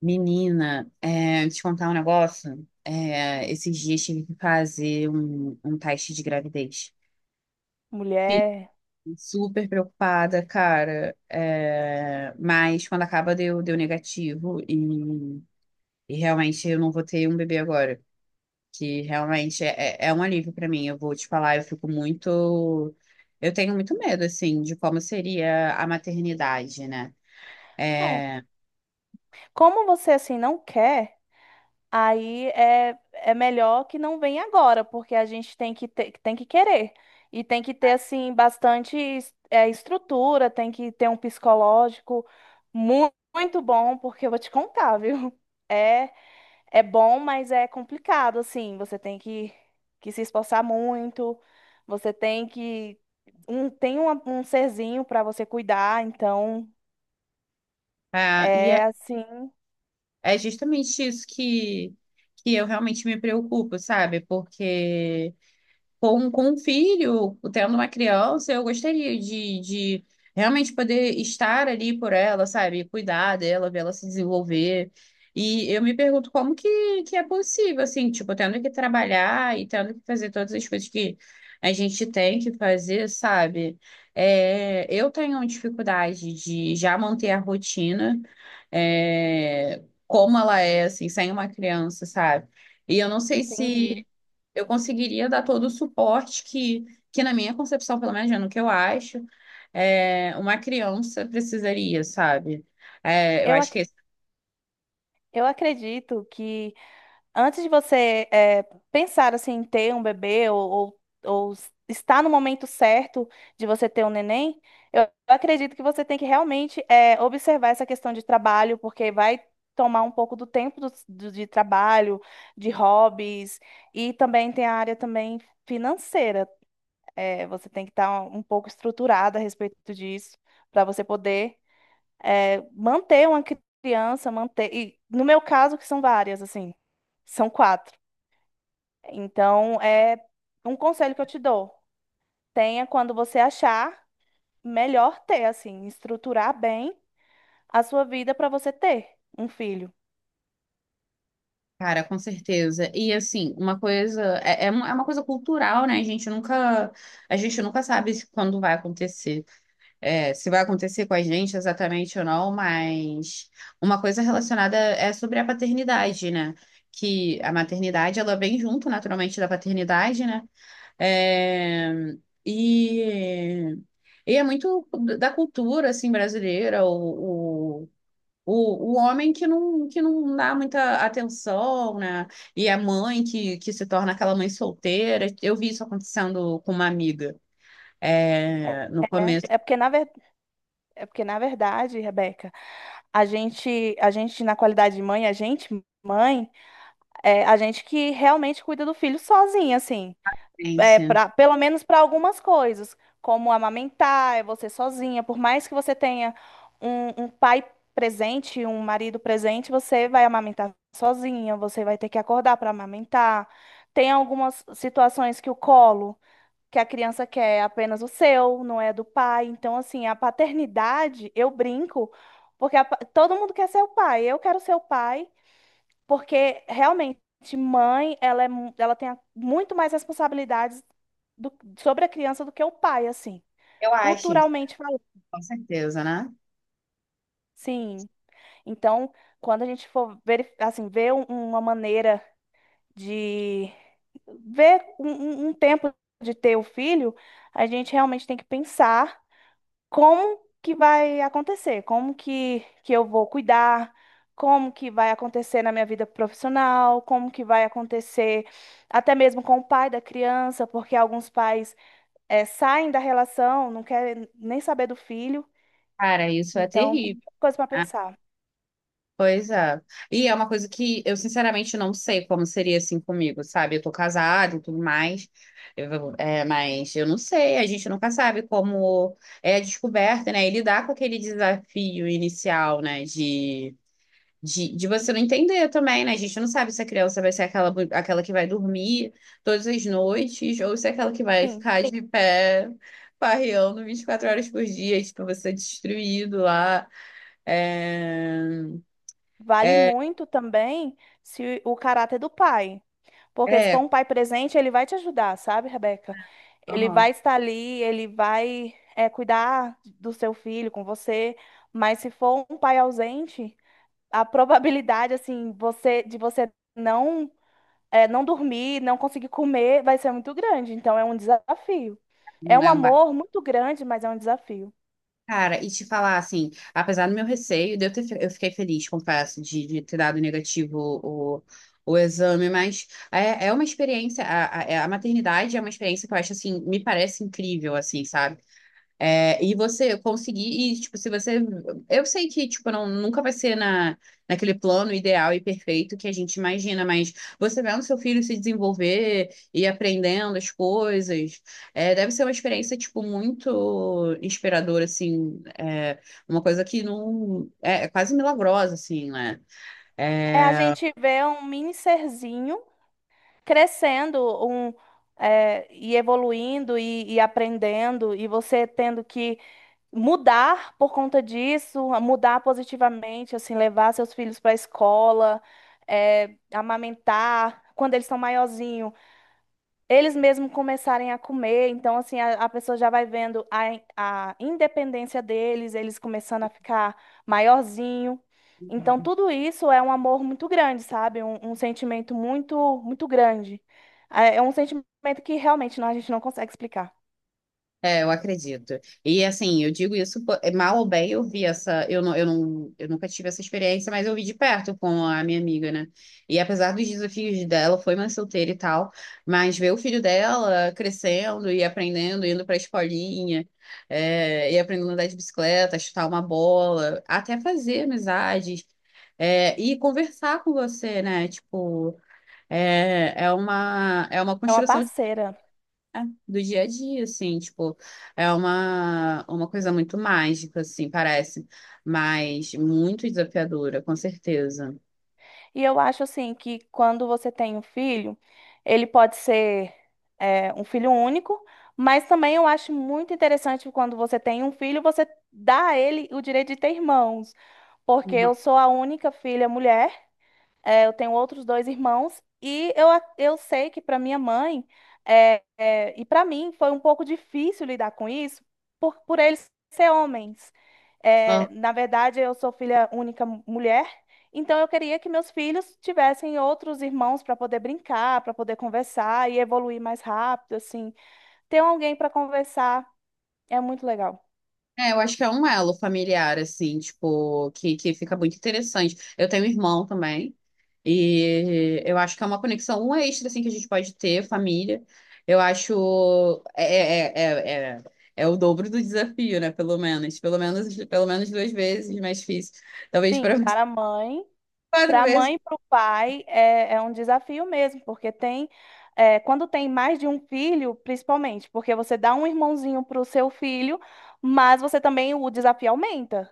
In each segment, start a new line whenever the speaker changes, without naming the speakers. Menina, te contar um negócio. Esses dias tive que fazer um teste de gravidez.
Mulher.
Super preocupada, cara. Mas quando acaba deu negativo e realmente eu não vou ter um bebê agora. Que realmente é um alívio pra mim. Eu vou te falar, eu fico muito. Eu tenho muito medo, assim, de como seria a maternidade, né?
É.
É,
Como você assim não quer, aí é melhor que não venha agora, porque a gente tem que ter, tem que querer. E tem que ter assim bastante estrutura, tem que ter um psicológico muito bom, porque eu vou te contar, viu? É, é bom, mas é complicado assim. Você tem que se esforçar muito. Você tem que tem um serzinho para você cuidar, então
é,
é
e
assim.
É justamente isso que eu realmente me preocupo, sabe? Porque com um filho, tendo uma criança, eu gostaria de realmente poder estar ali por ela, sabe? Cuidar dela, ver ela se desenvolver. E eu me pergunto como que é possível, assim, tipo, tendo que trabalhar e tendo que fazer todas as coisas que a gente tem que fazer, sabe? Eu tenho dificuldade de já manter a rotina, como ela é, assim, sem uma criança, sabe? E eu não sei
Entendi.
se eu conseguiria dar todo o suporte que na minha concepção, pelo menos né, no que eu acho, uma criança precisaria, sabe? É, eu
Eu,
acho que
ac-
esse
eu acredito que antes de você pensar assim, em ter um bebê ou estar no momento certo de você ter um neném, eu eu acredito que você tem que realmente observar essa questão de trabalho, porque vai tomar um pouco do tempo de trabalho, de hobbies, e também tem a área também financeira. Você tem que estar um pouco estruturada a respeito disso para você poder manter uma criança, manter. E no meu caso, que são várias, assim, são quatro. Então, é um conselho que eu te dou. Tenha, quando você achar melhor ter, assim, estruturar bem a sua vida para você ter um filho.
cara, com certeza. E assim, uma coisa é uma coisa cultural, né? A gente nunca sabe quando vai acontecer, se vai acontecer com a gente exatamente ou não, mas uma coisa relacionada é sobre a paternidade, né? Que a maternidade ela vem junto naturalmente da paternidade, né? É, e, e é muito da cultura assim brasileira, o homem que não dá muita atenção, né? E a mãe que se torna aquela mãe solteira. Eu vi isso acontecendo com uma amiga
É
no começo
é
da
porque, na ver... é porque, na verdade, Rebeca, a gente, na qualidade de mãe, mãe, é a gente que realmente cuida do filho sozinha, assim.
experiência.
Pra, pelo menos para algumas coisas, como amamentar, é você sozinha. Por mais que você tenha um pai presente, um marido presente, você vai amamentar sozinha, você vai ter que acordar para amamentar. Tem algumas situações que o colo, que a criança quer é apenas o seu, não é do pai. Então, assim, a paternidade, eu brinco, porque todo mundo quer ser o pai. Eu quero ser o pai. Porque realmente, mãe, ela tem muito mais responsabilidades do- sobre a criança do que o pai, assim.
Eu acho,
Culturalmente falando,
com certeza, né?
sim. Então, quando a gente for ver, assim, uma maneira de ver um tempo de ter o filho, a gente realmente tem que pensar como que vai acontecer, que eu vou cuidar, como que vai acontecer na minha vida profissional, como que vai acontecer até mesmo com o pai da criança, porque alguns pais saem da relação, não querem nem saber do filho,
Cara, isso é
então tem
terrível.
muita coisa para pensar.
Pois é. E é uma coisa que eu sinceramente não sei como seria assim comigo, sabe? Eu tô casada e tudo mais, mas eu não sei, a gente nunca sabe como é a descoberta, né? E lidar com aquele desafio inicial, né? De você não entender também, né? A gente não sabe se a criança vai ser aquela que vai dormir todas as noites ou se é aquela que vai
Sim,
ficar de pé, farreando 24 horas por dia, tipo, você destruído lá. É...
vale
é,
muito também se o caráter do pai. Porque se for
É,
um pai presente, ele vai te ajudar, sabe, Rebeca? Ele
aham,
vai estar ali, ele vai, é, cuidar do seu filho com você. Mas se for um pai ausente, a probabilidade, assim, de você não dormir, não conseguir comer, vai ser muito grande. Então é um desafio. É
não
um
é um bar.
amor muito grande, mas é um desafio.
Cara, e te falar assim, apesar do meu receio, de eu, ter, fe- eu fiquei feliz, confesso, de ter dado negativo o exame, mas é uma experiência, a maternidade é uma experiência que eu acho assim, me parece incrível, assim, sabe? E você conseguir, e, tipo, se você. Eu sei que, tipo, não, nunca vai ser naquele plano ideal e perfeito que a gente imagina, mas você vendo seu filho se desenvolver e aprendendo as coisas, deve ser uma experiência, tipo, muito inspiradora, assim. Uma coisa que não. É, é quase milagrosa, assim, né?
É, a
É,
gente vê um mini serzinho crescendo, um, e evoluindo e aprendendo, e você tendo que mudar por conta disso, mudar positivamente, assim, levar seus filhos para a escola, é, amamentar, quando eles são maiorzinhos, eles mesmos começarem a comer. Então, assim, a pessoa já vai vendo a independência deles, eles começando a ficar maiorzinho. Então, tudo isso é um amor muito grande, sabe? Um sentimento muito, muito grande. É um sentimento que realmente não, a gente não consegue explicar.
Eu acredito. E assim, eu digo isso, pô, é, mal ou bem, eu vi essa, eu não, eu não, eu nunca tive essa experiência, mas eu vi de perto com a minha amiga, né? E apesar dos desafios dela, foi mãe solteira e tal, mas ver o filho dela crescendo e aprendendo, indo pra escolinha, e aprendendo a andar de bicicleta, chutar uma bola, até fazer amizades, e conversar com você, né? Tipo, é uma
É uma
construção
parceira.
do dia a dia, assim, tipo, uma coisa muito mágica, assim, parece, mas muito desafiadora, com certeza.
E eu acho assim que quando você tem um filho, ele pode ser é, um filho único, mas também eu acho muito interessante quando você tem um filho, você dá a ele o direito de ter irmãos, porque
Uhum.
eu sou a única filha mulher. É, eu tenho outros dois irmãos e eu sei que para minha mãe e para mim foi um pouco difícil lidar com isso por eles ser homens.
Ah,
É, na verdade, eu sou filha única mulher, então eu queria que meus filhos tivessem outros irmãos para poder brincar, para poder conversar e evoluir mais rápido, assim. Ter alguém para conversar é muito legal.
é, eu acho que é um elo familiar, assim, tipo, que fica muito interessante. Eu tenho um irmão também, e eu acho que é uma conexão um extra, assim, que a gente pode ter, família. Eu acho. É o dobro do desafio, né? Pelo menos. Pelo menos duas vezes mais difícil. Talvez
Sim,
para
para a mãe.
quatro
Para a
vezes.
mãe e para o pai é, é um desafio mesmo, porque tem, é, quando tem mais de um filho, principalmente, porque você dá um irmãozinho para o seu filho, mas você também, o desafio aumenta.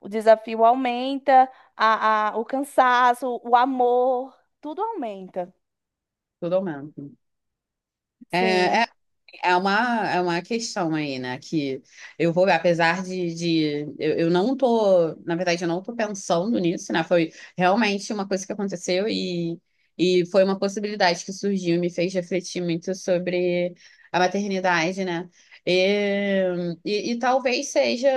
O desafio aumenta, o cansaço, o amor, tudo aumenta.
Tudo aumenta.
Sim,
É, É uma, é uma questão aí, né? Que eu vou, apesar de eu não tô, na verdade, eu não tô pensando nisso, né? Foi realmente uma coisa que aconteceu e foi uma possibilidade que surgiu e me fez refletir muito sobre a maternidade, né? E talvez seja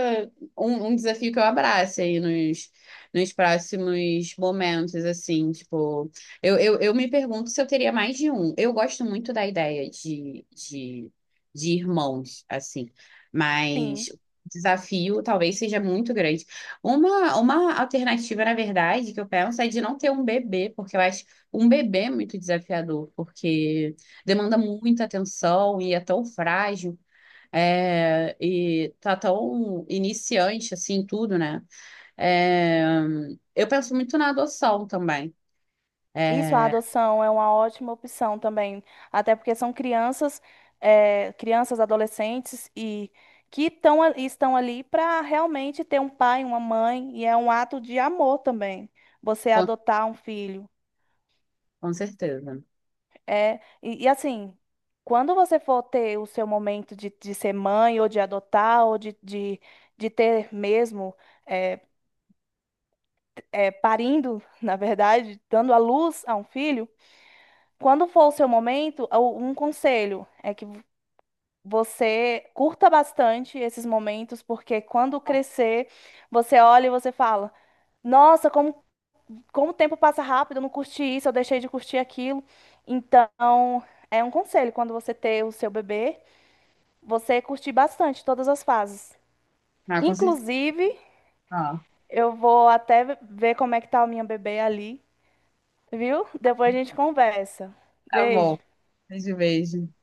um desafio que eu abrace aí nos próximos momentos, assim, tipo. Eu me pergunto se eu teria mais de um. Eu gosto muito da ideia de irmãos, assim. Mas
sim.
o desafio talvez seja muito grande. Uma alternativa, na verdade, que eu penso é de não ter um bebê, porque eu acho um bebê muito desafiador, porque demanda muita atenção e é tão frágil. E tá tão iniciante assim tudo, né? É, eu penso muito na adoção também.
Isso, a
É,
adoção é uma ótima opção também, até porque são crianças, adolescentes e que estão ali para realmente ter um pai, uma mãe, e é um ato de amor também. Você
com,
adotar um filho.
com certeza.
É, e assim, quando você for ter o seu momento de ser mãe, ou de adotar, de ter mesmo, eh, parindo, na verdade, dando à luz a um filho, quando for o seu momento, um conselho é que você curta bastante esses momentos, porque quando crescer, você olha e você fala: Nossa, como o tempo passa rápido, eu não curti isso, eu deixei de curtir aquilo. Então, é um conselho: quando você ter o seu bebê, você curtir bastante todas as fases.
Ah, com certeza.
Inclusive,
Ah,
eu vou até ver como é que tá a minha bebê ali, viu? Depois a gente conversa.
tá
Beijo.
bom. Beijo, beijo.